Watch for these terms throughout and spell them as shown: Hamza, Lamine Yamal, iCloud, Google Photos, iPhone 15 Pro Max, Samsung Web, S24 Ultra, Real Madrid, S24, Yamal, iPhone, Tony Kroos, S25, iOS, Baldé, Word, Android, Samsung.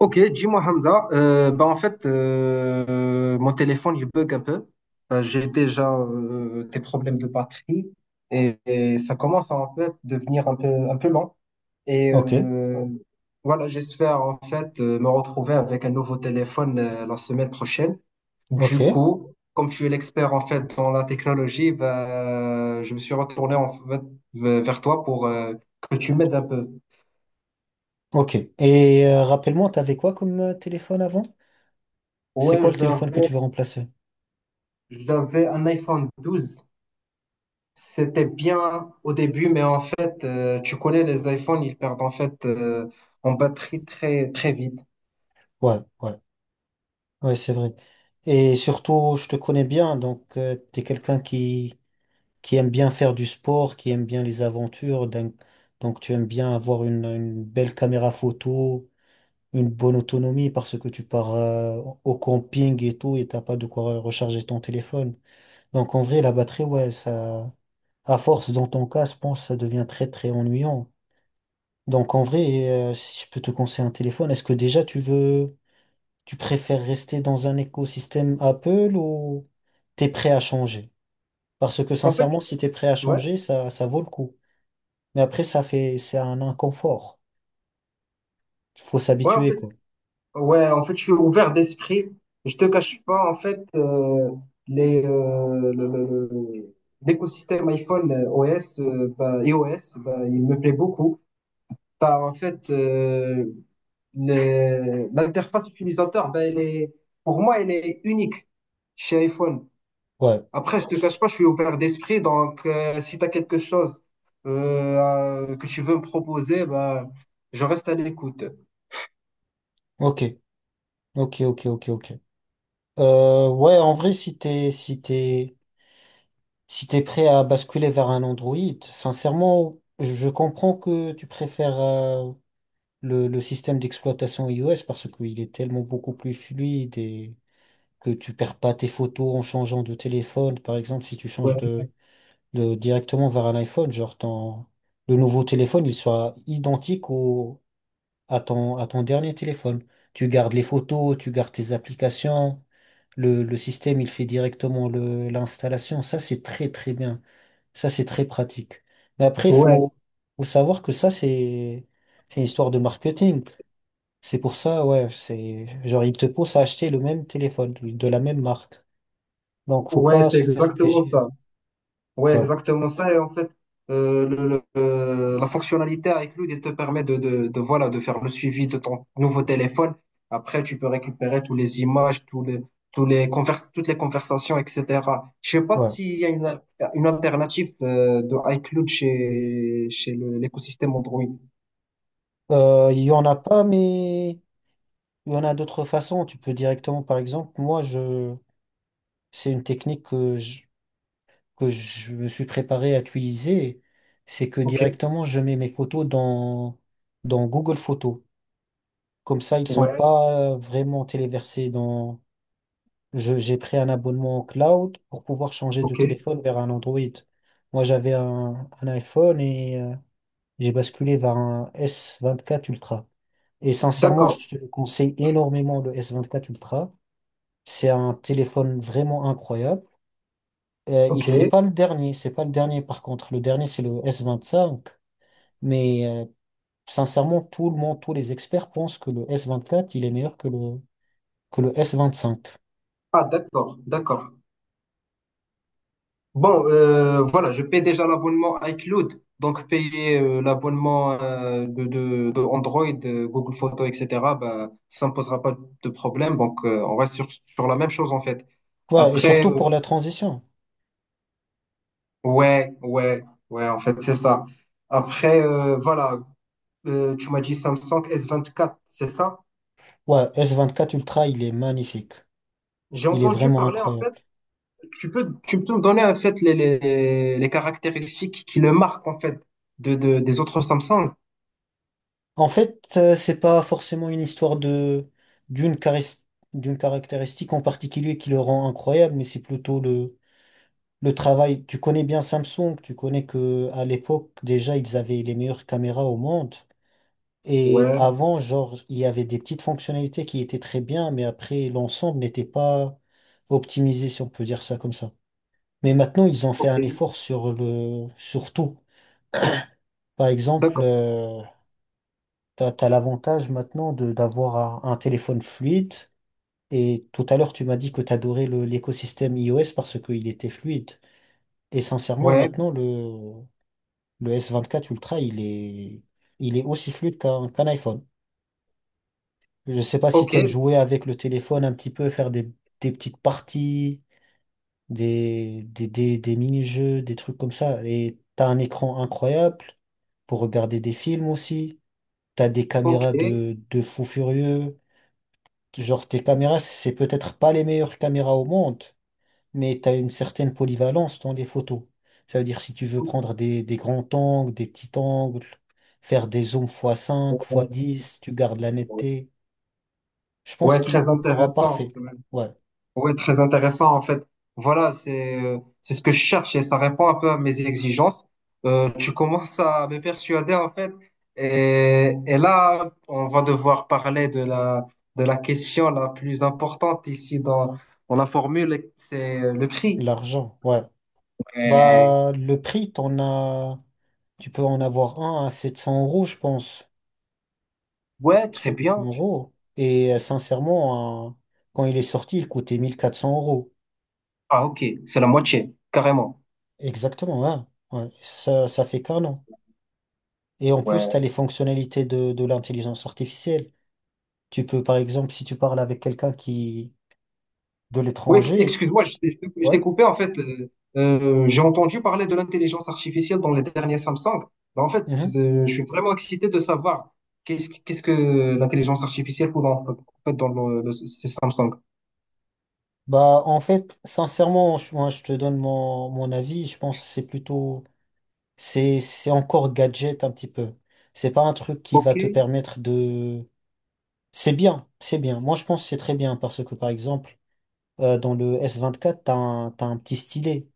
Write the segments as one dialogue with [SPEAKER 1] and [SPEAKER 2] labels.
[SPEAKER 1] Ok, dis-moi Hamza, bah en fait, mon téléphone il bug un peu. J'ai déjà des problèmes de batterie et ça commence à en fait devenir un peu lent. Et
[SPEAKER 2] Ok,
[SPEAKER 1] voilà, j'espère en fait me retrouver avec un nouveau téléphone la semaine prochaine. Du
[SPEAKER 2] ok,
[SPEAKER 1] coup, comme tu es l'expert en fait dans la technologie, bah, je me suis retourné en fait vers toi pour que tu m'aides un peu.
[SPEAKER 2] ok. Et rappelle-moi, t'avais quoi comme téléphone avant? C'est quoi
[SPEAKER 1] Ouais,
[SPEAKER 2] le téléphone que tu veux remplacer?
[SPEAKER 1] j'avais un iPhone 12. C'était bien au début, mais en fait, tu connais les iPhones, ils perdent en fait en batterie très très vite.
[SPEAKER 2] Ouais, ouais, ouais, c'est vrai. Et surtout, je te connais bien, donc tu t'es quelqu'un qui aime bien faire du sport, qui aime bien les aventures, donc tu aimes bien avoir une belle caméra photo, une bonne autonomie parce que tu pars au camping et tout et t'as pas de quoi recharger ton téléphone. Donc en vrai, la batterie, ouais, ça, à force dans ton cas, je pense, que ça devient très très ennuyant. Donc en vrai, si je peux te conseiller un téléphone, est-ce que déjà tu préfères rester dans un écosystème Apple ou t'es prêt à changer? Parce que
[SPEAKER 1] En fait,
[SPEAKER 2] sincèrement, si t'es prêt à
[SPEAKER 1] ouais,
[SPEAKER 2] changer, ça vaut le coup. Mais après, c'est un inconfort. Faut
[SPEAKER 1] ouais, en
[SPEAKER 2] s'habituer,
[SPEAKER 1] fait,
[SPEAKER 2] quoi.
[SPEAKER 1] ouais, en fait, je suis ouvert d'esprit. Je te cache pas, en fait, les le- l'écosystème iPhone OS, bah, iOS, bah, il me plaît beaucoup. Bah en fait l'interface utilisateur, bah, elle est, pour moi, elle est unique chez iPhone.
[SPEAKER 2] Ouais.
[SPEAKER 1] Après, je te cache pas, je suis ouvert d'esprit, donc si tu as quelque chose que tu veux me proposer, bah, je reste à l'écoute.
[SPEAKER 2] Ok. Ok, ok, ok, ok. Ouais, en vrai, si t'es prêt à basculer vers un Android, sincèrement, je comprends que tu préfères, le système d'exploitation iOS parce qu'il est tellement beaucoup plus fluide et que tu perds pas tes photos en changeant de téléphone. Par exemple, si tu changes
[SPEAKER 1] Ouais,
[SPEAKER 2] de directement vers un iPhone, genre le nouveau téléphone, il soit identique à ton dernier téléphone. Tu gardes les photos, tu gardes tes applications. Le système, il fait directement l'installation. Ça, c'est très, très bien. Ça, c'est très pratique. Mais après,
[SPEAKER 1] ouais,
[SPEAKER 2] faut savoir que ça, c'est une histoire de marketing. C'est pour ça, ouais, c'est genre ils te poussent à acheter le même téléphone oui, de la même marque. Donc faut
[SPEAKER 1] ouais,
[SPEAKER 2] pas
[SPEAKER 1] c'est
[SPEAKER 2] se faire
[SPEAKER 1] exactement
[SPEAKER 2] piéger.
[SPEAKER 1] ça. Ouais,
[SPEAKER 2] Ouais,
[SPEAKER 1] exactement ça. Et en fait, la fonctionnalité avec Loot, elle te permet de, voilà, de faire le suivi de ton nouveau téléphone. Après, tu peux récupérer toutes les images, toutes les conversations, etc. Je sais pas
[SPEAKER 2] ouais.
[SPEAKER 1] s'il y a une alternative de iCloud chez l'écosystème Android.
[SPEAKER 2] Il y en a pas, mais il y en a d'autres façons. Tu peux directement, par exemple, c'est une technique que je, me suis préparé à utiliser. C'est que
[SPEAKER 1] OK.
[SPEAKER 2] directement je mets mes photos dans Google Photos. Comme ça, ils sont
[SPEAKER 1] Ouais.
[SPEAKER 2] pas vraiment téléversés. J'ai pris un abonnement au cloud pour pouvoir changer de
[SPEAKER 1] OK.
[SPEAKER 2] téléphone vers un Android. Moi, j'avais un iPhone et j'ai basculé vers un S24 Ultra. Et sincèrement,
[SPEAKER 1] D'accord.
[SPEAKER 2] je te conseille énormément le S24 Ultra. C'est un téléphone vraiment incroyable. C'est
[SPEAKER 1] OK.
[SPEAKER 2] pas le dernier, c'est pas le dernier par contre. Le dernier, c'est le S25. Mais sincèrement, tout le monde, tous les experts pensent que le S24 il est meilleur que que le S25.
[SPEAKER 1] Ah, d'accord. D'accord. Bon, voilà, je paie déjà l'abonnement iCloud, donc payer l'abonnement de Android, Google Photos, etc., ben, ça ne posera pas de problème. Donc, on reste sur la même chose, en fait.
[SPEAKER 2] Ouais, et
[SPEAKER 1] Après,
[SPEAKER 2] surtout pour la transition.
[SPEAKER 1] ouais, ouais, ouais, en fait, c'est ça. Après, voilà, tu m'as dit Samsung S24, c'est ça?
[SPEAKER 2] Ouais, S24 Ultra, il est magnifique.
[SPEAKER 1] J'ai
[SPEAKER 2] Il est
[SPEAKER 1] entendu
[SPEAKER 2] vraiment
[SPEAKER 1] parler, en
[SPEAKER 2] incroyable.
[SPEAKER 1] fait. Tu peux me donner en fait les caractéristiques qui le marquent en fait des autres Samsung?
[SPEAKER 2] En fait, c'est pas forcément une histoire d'une charis- d'une caractéristique en particulier qui le rend incroyable, mais c'est plutôt le travail. Tu connais bien Samsung, tu connais que à l'époque déjà ils avaient les meilleures caméras au monde. Et
[SPEAKER 1] Ouais,
[SPEAKER 2] avant, genre, il y avait des petites fonctionnalités qui étaient très bien, mais après, l'ensemble n'était pas optimisé, si on peut dire ça comme ça. Mais maintenant, ils ont fait
[SPEAKER 1] ok,
[SPEAKER 2] un effort sur sur tout. Par exemple,
[SPEAKER 1] d'accord.
[SPEAKER 2] t'as l'avantage maintenant de d'avoir un téléphone fluide. Et tout à l'heure, tu m'as dit que t'adorais l'écosystème iOS parce qu'il était fluide. Et sincèrement,
[SPEAKER 1] Ouais,
[SPEAKER 2] maintenant, le S24 Ultra, il est aussi fluide qu'un iPhone. Je sais pas si
[SPEAKER 1] ok,
[SPEAKER 2] t'aimes jouer avec le téléphone un petit peu, faire des petites parties, des mini-jeux, des trucs comme ça. Et t'as un écran incroyable pour regarder des films aussi. T'as des
[SPEAKER 1] ok,
[SPEAKER 2] caméras de fou furieux. Genre, tes caméras, c'est peut-être pas les meilleures caméras au monde, mais tu as une certaine polyvalence dans les photos. Ça veut dire si tu veux
[SPEAKER 1] ok.
[SPEAKER 2] prendre des grands angles, des petits angles, faire des zooms x5 x10 tu gardes la netteté. Je pense
[SPEAKER 1] Ouais,
[SPEAKER 2] qu'il
[SPEAKER 1] très
[SPEAKER 2] sera
[SPEAKER 1] intéressant.
[SPEAKER 2] parfait.
[SPEAKER 1] Ouais.
[SPEAKER 2] Ouais,
[SPEAKER 1] Oui, très intéressant en fait. Voilà, c'est ce que je cherche et ça répond un peu à mes exigences. Tu commences à me persuader en fait. Et là, on va devoir parler de la question la plus importante ici dans la formule, c'est le prix.
[SPEAKER 2] l'argent, ouais.
[SPEAKER 1] Et-
[SPEAKER 2] Bah, le prix, tu peux en avoir un à 700 euros, je pense.
[SPEAKER 1] ouais, très
[SPEAKER 2] 700
[SPEAKER 1] bien.
[SPEAKER 2] euros. Et sincèrement, hein, quand il est sorti, il coûtait 1 400 euros.
[SPEAKER 1] Ah ok, c'est la moitié, carrément.
[SPEAKER 2] Exactement, hein. Ouais, ça fait qu'un an. Et en plus, tu as les fonctionnalités de l'intelligence artificielle. Tu peux, par exemple, si tu parles avec quelqu'un qui de
[SPEAKER 1] Oui,
[SPEAKER 2] l'étranger,
[SPEAKER 1] excuse-moi, je
[SPEAKER 2] ouais.
[SPEAKER 1] t'ai coupé. En fait, j'ai entendu parler de l'intelligence artificielle dans les derniers Samsung. Mais en fait,
[SPEAKER 2] Mhm.
[SPEAKER 1] je suis vraiment excité de savoir qu'est-ce que l'intelligence artificielle pour dans, en fait, dans ces Samsung.
[SPEAKER 2] Bah, en fait, sincèrement, moi, je te donne mon avis. Je pense que c'est encore gadget un petit peu. C'est pas un truc qui
[SPEAKER 1] Ok,
[SPEAKER 2] va te permettre de. C'est bien, c'est bien. Moi, je pense que c'est très bien parce que, par exemple, dans le S24, t'as un petit stylet.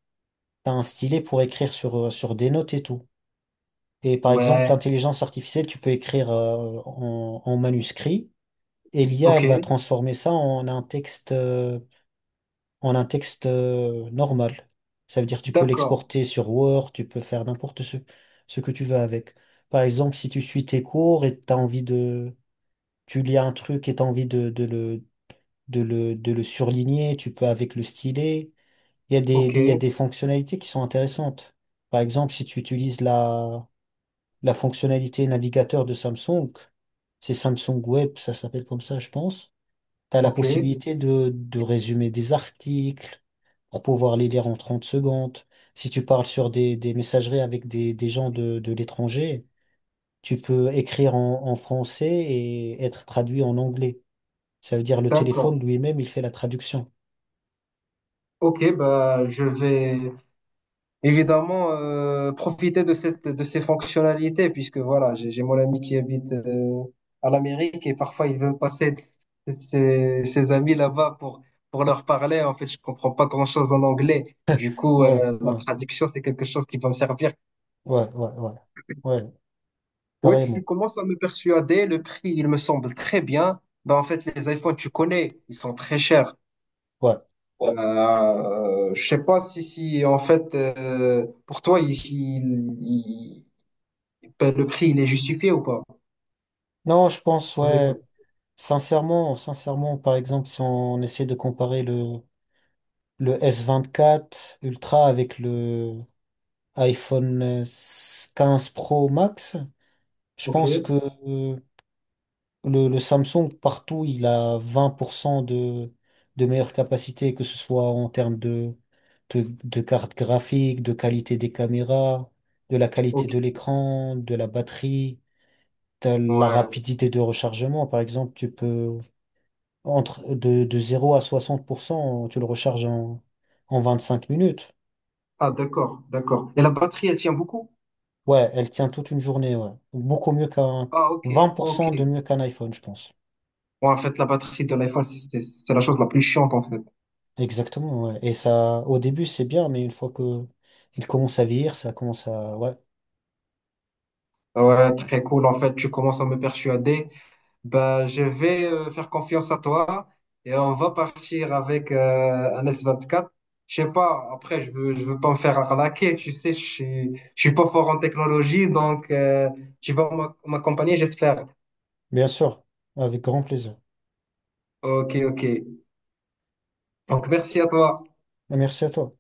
[SPEAKER 2] T'as un stylet pour écrire sur des notes et tout. Et par exemple,
[SPEAKER 1] ouais,
[SPEAKER 2] l'intelligence artificielle, tu peux écrire en manuscrit. Et l'IA, elle va
[SPEAKER 1] ok,
[SPEAKER 2] transformer ça en un texte, normal. Ça veut dire tu peux
[SPEAKER 1] d'accord,
[SPEAKER 2] l'exporter sur Word, tu peux faire n'importe ce que tu veux avec. Par exemple, si tu suis tes cours et t'as envie tu lis un truc et t'as envie de le surligner, tu peux avec le stylet. Il y a
[SPEAKER 1] ok,
[SPEAKER 2] il y a des fonctionnalités qui sont intéressantes. Par exemple, si tu utilises la fonctionnalité navigateur de Samsung, c'est Samsung Web, ça s'appelle comme ça, je pense. Tu as la
[SPEAKER 1] ok,
[SPEAKER 2] possibilité de résumer des articles pour pouvoir les lire en 30 secondes. Si tu parles sur des messageries avec des gens de l'étranger, tu peux écrire en français et être traduit en anglais. Ça veut dire le
[SPEAKER 1] d'accord.
[SPEAKER 2] téléphone lui-même, il fait la traduction.
[SPEAKER 1] Ok, bah, je vais. Évidemment, profiter de de ces fonctionnalités, puisque voilà, j'ai mon ami qui habite à l'Amérique et parfois il veut passer ses amis là-bas pour leur parler. En fait, je comprends pas grand-chose en anglais. Du coup,
[SPEAKER 2] Ouais,
[SPEAKER 1] la
[SPEAKER 2] ouais,
[SPEAKER 1] traduction, c'est quelque chose qui va me servir.
[SPEAKER 2] ouais, ouais, ouais, ouais,
[SPEAKER 1] Oui, tu
[SPEAKER 2] carrément.
[SPEAKER 1] commences à me persuader. Le prix, il me semble très bien. Ben, en fait, les iPhones, tu connais, ils sont très chers.
[SPEAKER 2] Ouais.
[SPEAKER 1] Je sais pas si en fait, pour toi, il- ben, le prix, il est justifié ou pas?
[SPEAKER 2] Non, je pense,
[SPEAKER 1] Vous avez pas.
[SPEAKER 2] ouais, sincèrement, par exemple, si on essaie de comparer le S24 Ultra avec le iPhone 15 Pro Max, je
[SPEAKER 1] Ok,
[SPEAKER 2] pense que euh, le Samsung, partout, il a 20 % de meilleure capacité, que ce soit en termes de carte graphique, de qualité des caméras, de la qualité
[SPEAKER 1] ok.
[SPEAKER 2] de l'écran, de la batterie, de la
[SPEAKER 1] Ouais.
[SPEAKER 2] rapidité de rechargement. Par exemple, tu peux, entre de 0 à 60 % tu le recharges en 25 minutes.
[SPEAKER 1] Ah, d'accord, d'accord. Et la batterie, elle tient beaucoup?
[SPEAKER 2] Ouais, elle tient toute une journée, ouais. Beaucoup mieux
[SPEAKER 1] Ah, ok,
[SPEAKER 2] vingt pour
[SPEAKER 1] ok.
[SPEAKER 2] cent de mieux qu'un iPhone, je pense.
[SPEAKER 1] Bon, en fait, la batterie de l'iPhone, c'est la chose la plus chiante, en fait.
[SPEAKER 2] Exactement, ouais. Et ça, au début, c'est bien, mais une fois que il commence à vieillir, ça commence à. Ouais,
[SPEAKER 1] Ouais, très cool. En fait, tu commences à me persuader. Ben, je vais faire confiance à toi et on va partir avec un S24. Je sais pas, après, je veux pas me faire arnaquer, tu sais, je suis pas fort en technologie, donc tu vas m'accompagner, j'espère.
[SPEAKER 2] bien sûr, avec grand plaisir.
[SPEAKER 1] Ok, ok. Donc, merci à toi.
[SPEAKER 2] Merci à toi.